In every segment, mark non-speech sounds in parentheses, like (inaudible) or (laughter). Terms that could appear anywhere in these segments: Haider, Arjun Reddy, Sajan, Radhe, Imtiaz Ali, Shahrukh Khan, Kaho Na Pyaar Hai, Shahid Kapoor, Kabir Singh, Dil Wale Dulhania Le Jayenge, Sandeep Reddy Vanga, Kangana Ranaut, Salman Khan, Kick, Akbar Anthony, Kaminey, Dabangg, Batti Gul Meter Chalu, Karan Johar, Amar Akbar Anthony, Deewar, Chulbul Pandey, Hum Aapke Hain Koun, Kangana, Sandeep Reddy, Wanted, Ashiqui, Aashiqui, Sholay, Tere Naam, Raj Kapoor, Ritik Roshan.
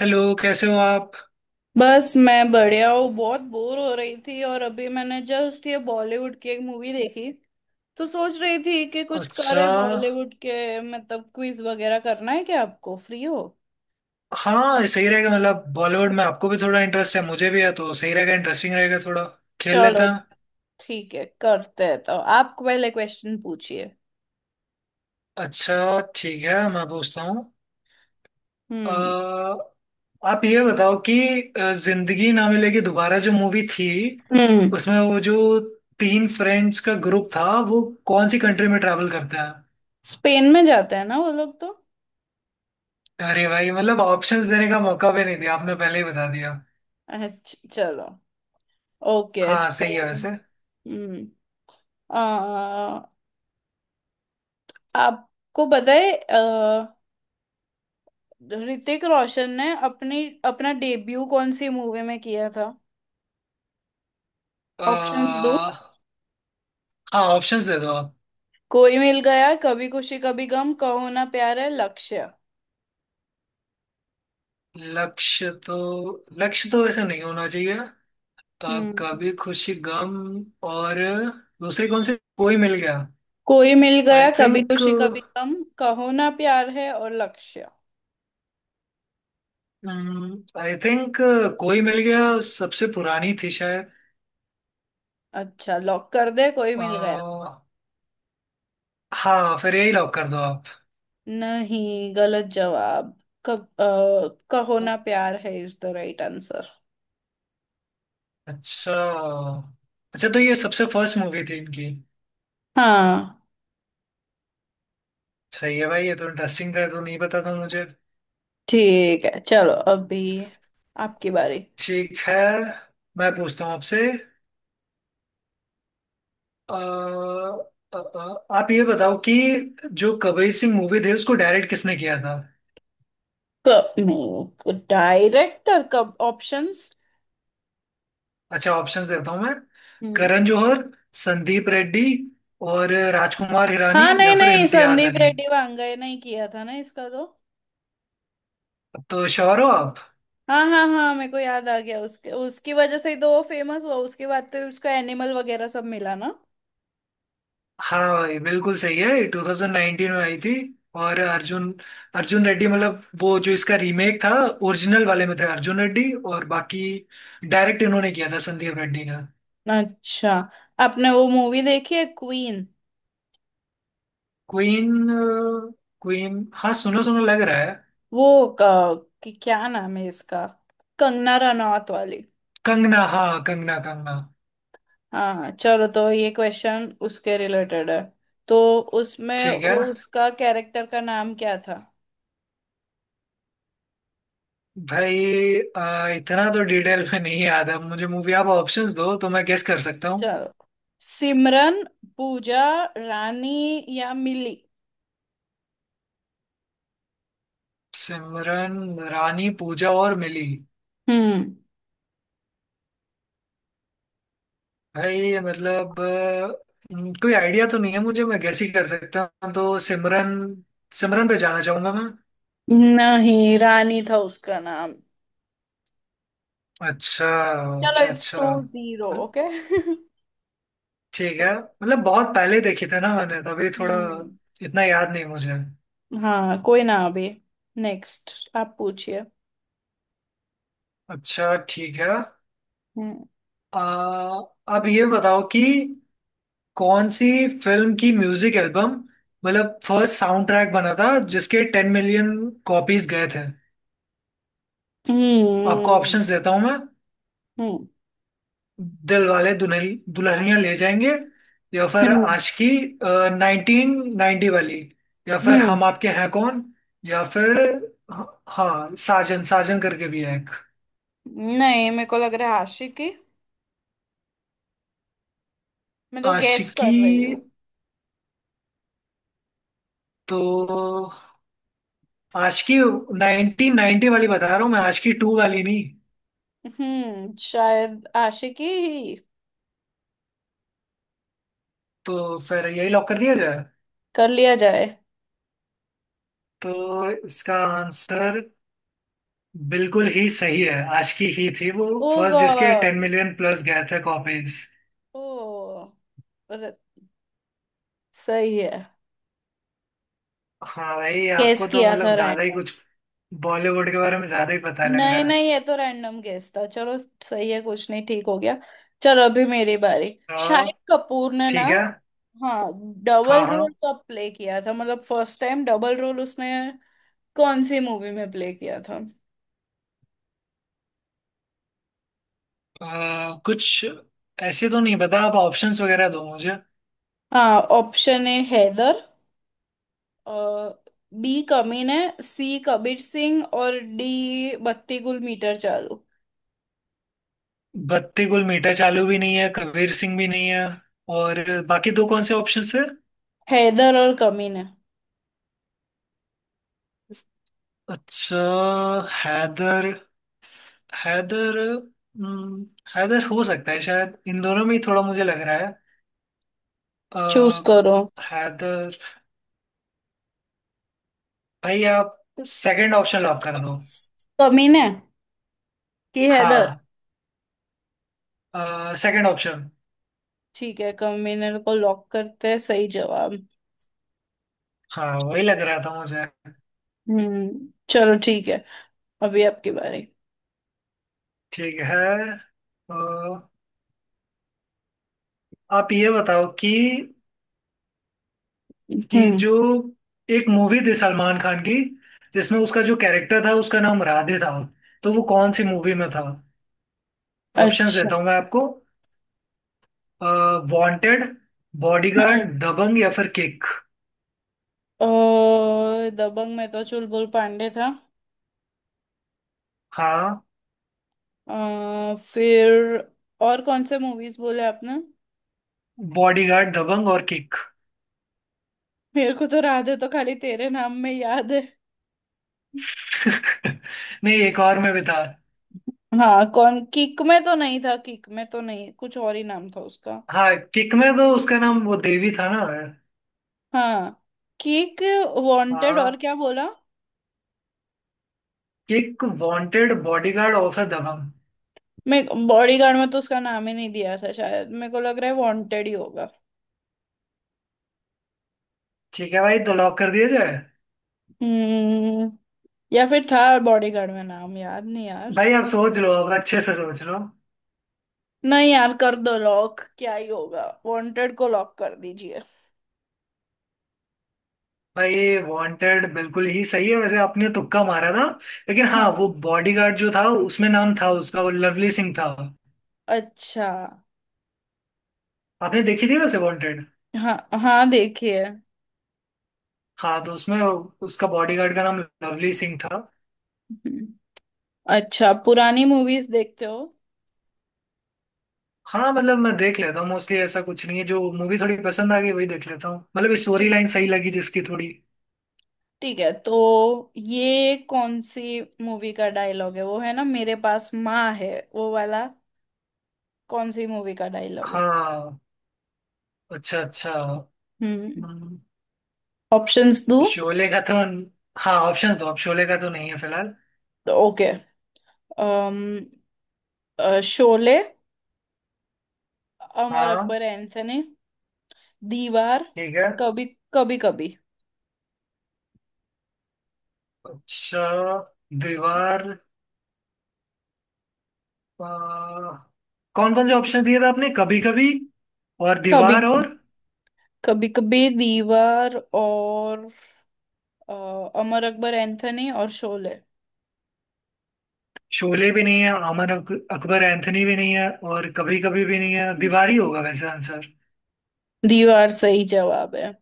Hello कैसे हो आप। बस मैं बढ़िया हूँ। बहुत बोर हो रही थी और अभी मैंने जस्ट ये बॉलीवुड की एक मूवी देखी। तो सोच रही थी कि कुछ अच्छा। करें बॉलीवुड के मतलब क्विज वगैरह करना है क्या? आपको फ्री हो? हाँ सही रहेगा मतलब बॉलीवुड में आपको भी थोड़ा इंटरेस्ट है मुझे भी है तो सही रहेगा इंटरेस्टिंग रहेगा थोड़ा खेल लेते चलो हैं। ठीक है करते हैं तो आप पहले क्वेश्चन पूछिए। अच्छा ठीक है मैं पूछता हूँ। हम्म। अ, आप ये बताओ कि जिंदगी ना मिलेगी दोबारा जो मूवी थी हम्म। उसमें वो जो तीन फ्रेंड्स का ग्रुप था वो कौन सी कंट्री में ट्रैवल करता है। स्पेन में जाते हैं ना वो लोग तो। अरे भाई मतलब ऑप्शंस देने का मौका भी नहीं दिया आपने पहले ही बता दिया। अच्छा चलो, ओके हाँ तो। सही है वैसे हम्म। अ, आपको पता है ऋतिक रोशन ने अपनी अपना डेब्यू कौन सी मूवी में किया था? ऑप्शंस दो। हाँ ऑप्शंस दे दो आप। कोई मिल गया, कभी खुशी कभी गम, कहो ना प्यार है, लक्ष्य। लक्ष्य तो लक्ष्य तो वैसे नहीं होना चाहिए। हम्म। कभी खुशी गम और दूसरी कौन सी कोई मिल गया। कोई मिल आई गया, कभी थिंक खुशी कभी गम, कहो ना प्यार है और लक्ष्य। आई थिंक कोई मिल गया सबसे पुरानी थी शायद। अच्छा, लॉक कर दे कोई मिल गया। आ, हाँ फिर यही लॉक कर दो आप। नहीं, गलत जवाब। कब कहो Na Pyaar Hai is the right answer. अच्छा, अच्छा तो ये सबसे फर्स्ट मूवी थी इनकी। हाँ। सही है भाई ये तो इंटरेस्टिंग था ये तो नहीं पता था मुझे। ठीक है चलो, अभी आपकी बारी। ठीक है मैं पूछता हूँ आपसे। आप ये बताओ कि जो कबीर सिंह मूवी थी उसको डायरेक्ट किसने किया था। नहीं डायरेक्टर कब, ऑप्शंस। अच्छा ऑप्शंस देता हूँ मैं। हम्म। करण जौहर, संदीप रेड्डी और राजकुमार हिरानी हाँ नहीं या फिर नहीं, इम्तियाज संदीप अली। रेड्डी वांगए नहीं किया था ना इसका तो? तो श्योर हो आप। हाँ हाँ हाँ, मेरे को याद आ गया। उसके उसकी वजह से ही तो वो फेमस हुआ, उसके बाद तो उसको एनिमल वगैरह सब मिला ना। हाँ भाई बिल्कुल सही है 2019 में आई थी। और अर्जुन अर्जुन रेड्डी मतलब वो जो इसका रीमेक था। ओरिजिनल वाले में थे अर्जुन रेड्डी और बाकी। डायरेक्ट इन्होंने किया था संदीप रेड्डी का। अच्छा, आपने वो मूवी देखी है, क्वीन? क्वीन, क्वीन, हाँ सुनो सुनो लग रहा है। वो कि क्या नाम है इसका, कंगना रनौत वाली। कंगना हाँ, कंगना कंगना। हाँ चलो, तो ये क्वेश्चन उसके रिलेटेड है तो उसमें ठीक है वो उसका कैरेक्टर का नाम क्या था? भाई, इतना तो डिटेल में नहीं याद है मुझे मूवी। आप ऑप्शंस दो तो मैं गेस कर सकता हूँ। चलो, सिमरन, पूजा, रानी या मिली। सिमरन, रानी, पूजा और मिली। हम्म। भाई मतलब कोई आइडिया तो नहीं है मुझे, मैं गेस ही कर सकता हूँ, तो सिमरन। सिमरन पे जाना चाहूंगा मैं। नहीं, रानी था उसका नाम। अच्छा, चलो अच्छा, इट्स अच्छा, टू जीरो ओके। मतलब- (laughs) ठीक है, मतलब बहुत पहले देखी था ना मैंने तभी थोड़ा हम्म। इतना याद नहीं मुझे। हाँ कोई ना, अभी नेक्स्ट आप पूछिए। अच्छा ठीक है। हम्म। आ, अब ये बताओ कि कौन सी फिल्म की म्यूजिक एल्बम मतलब फर्स्ट साउंड ट्रैक बना था जिसके 10 मिलियन कॉपीज गए थे। आपको हम्म। ऑप्शंस देता हूं मैं। हम्म। दिल वाले दुल्हन, दुल्हनिया ले जाएंगे, या फिर हम्म। आशिकी 1990 वाली, या फिर हम्म, हम आपके हैं कौन, या फिर हाँ साजन साजन करके भी है एक। नहीं, मेरे को लग रहा है आशिकी। मैं तो गैस आशिकी। कर रही हूँ। तो आशिकी 1990 वाली बता रहा हूँ मैं, आशिकी टू वाली नहीं। हम्म, शायद आशिकी ही। तो फिर यही लॉक कर दिया जाए। कर लिया जाए। तो इसका आंसर बिल्कुल ही सही है, आशिकी ही थी वो ओ फर्स्ट जिसके टेन गॉड। मिलियन प्लस गए थे कॉपीज। ओ, सही है। हाँ भाई, गेस आपको तो किया था मतलब ज्यादा ही रैंडम। कुछ बॉलीवुड के बारे में ज्यादा ही पता लग नहीं रहा है। नहीं, ये तो रैंडम गेस था। चलो सही है, कुछ नहीं ठीक हो गया। चलो अभी मेरी बारी। हाँ। शाहिद कपूर ने ना, ठीक है। हाँ, हाँ। डबल रोल हाँ। कब प्ले किया था, मतलब फर्स्ट टाइम डबल रोल उसने कौन सी मूवी में प्ले किया था? कुछ ऐसे तो नहीं पता, आप ऑप्शंस वगैरह दो मुझे। हाँ, option A Haider, B Kaminey, C Kabir Singh और डी बत्ती गुल मीटर चालू। बत्ती गुल मीठा चालू भी नहीं है, कबीर सिंह भी नहीं है, और बाकी दो कौन से ऑप्शंस थे। हैदर और कमीने। अच्छा। हैदर, हैदर, हम्म, हैदर हो सकता है शायद, इन दोनों में ही थोड़ा मुझे लग रहा है। चूज अ, करो। हैदर। भाई आप सेकंड ऑप्शन लॉक कर दो। कमीने की हैदर। हाँ सेकंड ऑप्शन। ठीक है, कन्वीनर को लॉक करते हैं सही जवाब। हाँ वही लग रहा था मुझे। चलो ठीक है, अभी आपकी बारी। ठीक है। अ, आप ये बताओ कि हम्म। जो एक मूवी थी सलमान खान की जिसमें उसका जो कैरेक्टर था उसका नाम राधे था, तो वो कौन सी मूवी में था। ऑप्शंस अच्छा। देता हूँ मैं आपको। वांटेड, हम्म। बॉडीगार्ड, दबंग, या फिर किक। दबंग में तो चुलबुल पांडे था। हाँ, फिर और कौन से मूवीज बोले आपने? बॉडीगार्ड दबंग और किक। मेरे को तो राधे तो खाली तेरे नाम में याद है। (laughs) नहीं, एक और में भी था। हाँ कौन, किक में तो नहीं था, किक में तो नहीं, कुछ और ही नाम था उसका। हाँ किक में तो उसका नाम वो देवी था ना। हाँ, किक, वांटेड हाँ, और क्या बोला? किक, वांटेड, बॉडीगार्ड और फिर दबंग। मैं बॉडीगार्ड में तो उसका नाम ही नहीं दिया था शायद, मेरे को लग रहा है वांटेड ही होगा। ठीक है भाई तो लॉक कर दिया जाए। हम्म। या फिर था बॉडीगार्ड में, नाम याद नहीं यार। भाई आप सोच लो, अब अच्छे से सोच लो। नहीं यार, कर दो लॉक, क्या ही होगा, वांटेड को लॉक कर दीजिए। भाई ये वांटेड बिल्कुल ही सही है, वैसे आपने तुक्का मारा था। लेकिन हाँ, वो हाँ। बॉडीगार्ड जो था उसमें नाम था उसका वो, लवली सिंह था। अच्छा। आपने देखी थी वैसे वांटेड। हाँ हाँ, देखिए। हाँ तो उसमें उसका बॉडीगार्ड का नाम लवली सिंह था। हम्म। अच्छा, पुरानी मूवीज देखते हो? हाँ मतलब मैं देख लेता हूँ मोस्टली, ऐसा कुछ नहीं है, जो मूवी थोड़ी पसंद आ गई वही देख लेता हूँ, मतलब स्टोरी ठीक, लाइन सही लगी जिसकी थोड़ी। ठीक है तो ये कौन सी मूवी का डायलॉग है वो है ना, मेरे पास माँ है, वो वाला। कौन सी मूवी का डायलॉग है? हाँ। अच्छा, अच्छा। हम्म। हम्म, ऑप्शंस दो। शोले का तो। हाँ ऑप्शन दो, अब शोले का तो नहीं है फिलहाल। ओके, अम, शोले, अमर हाँ। अकबर एंथनी, दीवार, ठीक है। कभी कभी। कभी अच्छा, दीवार। आ, कौन कौन से ऑप्शन दिए थे आपने, कभी कभी और कभी, दीवार और। कभी कभी, दीवार और अ, अमर अकबर एंथनी और शोले। शोले भी नहीं है, अकबर एंथनी भी नहीं है, और कभी कभी भी नहीं है, दीवार ही होगा वैसे आंसर। दीवार सही जवाब है?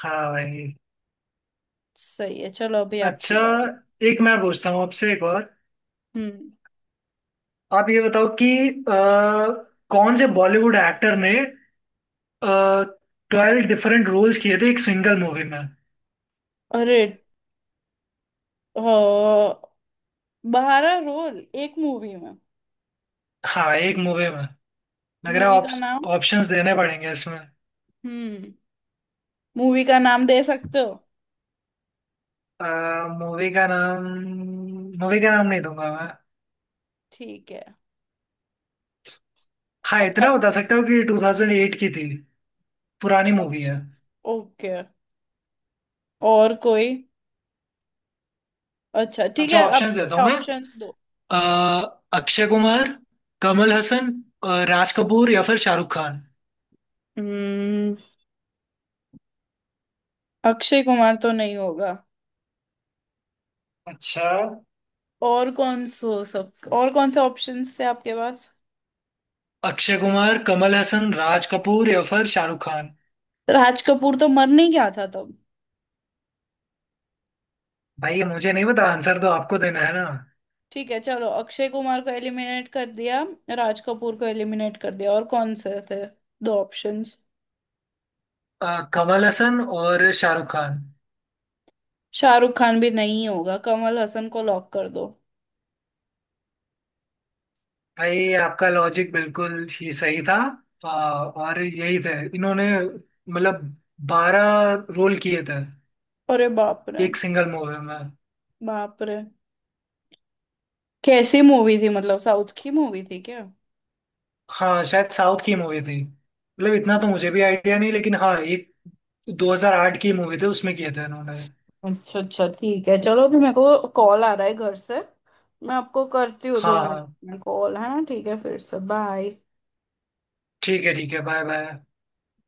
हाँ भाई। सही है चलो, अभी आपकी अच्छा, बारी। एक मैं पूछता हूँ आपसे एक और। हम्म। आप ये बताओ कि कौन से बॉलीवुड एक्टर ने 12 डिफरेंट रोल्स किए थे एक सिंगल मूवी में। अरे, अ, बहारा रोल एक मूवी में? हाँ एक मूवी में लग रहा मूवी है, का नाम? ऑप्शंस देने पड़ेंगे इसमें। हम्म। मूवी का नाम दे सकते हो? मूवी का नाम, मूवी का नाम नहीं दूंगा मैं। ठीक है। हाँ इतना बता सकता हूँ कि 2008 की थी, पुरानी मूवी है। अच्छा, ओके। और कोई, अच्छा ठीक अच्छा है आप ऑप्शंस देता हूँ मैं। ऑप्शंस दो। अ, अक्षय कुमार, कमल हसन, राज कपूर या फिर शाहरुख खान। हम्म। अक्षय कुमार तो नहीं होगा। अच्छा, और कौन सो सब, और कौन से ऑप्शंस थे आपके पास? अक्षय कुमार, कमल हसन, राज कपूर या फिर शाहरुख खान। राज कपूर तो मर नहीं गया था तब? भाई ये मुझे नहीं पता, आंसर तो आपको देना है ना। ठीक है चलो, अक्षय कुमार को एलिमिनेट कर दिया, राज कपूर को एलिमिनेट कर दिया, और कौन से थे दो ऑप्शंस? अ, कमल हसन और शाहरुख खान। शाहरुख खान भी नहीं होगा, कमल हसन को लॉक कर दो। भाई आपका लॉजिक बिल्कुल ही सही था। और यही थे, इन्होंने मतलब 12 रोल किए थे अरे बाप रे। एक सिंगल मूवी में। बाप रे। कैसी मूवी थी, मतलब साउथ की मूवी थी क्या? हाँ शायद साउथ की मूवी थी, मतलब इतना तो मुझे भी आइडिया नहीं, लेकिन हाँ एक 2008 की मूवी थी उसमें किया था इन्होंने। अच्छा अच्छा ठीक है चलो, अभी मेरे को कॉल आ रहा है घर से। मैं आपको करती हूँ दो हाँ मिनट हाँ। में, कॉल है ना। ठीक है फिर, से बाय। ठीक है, ठीक है, बाय बाय।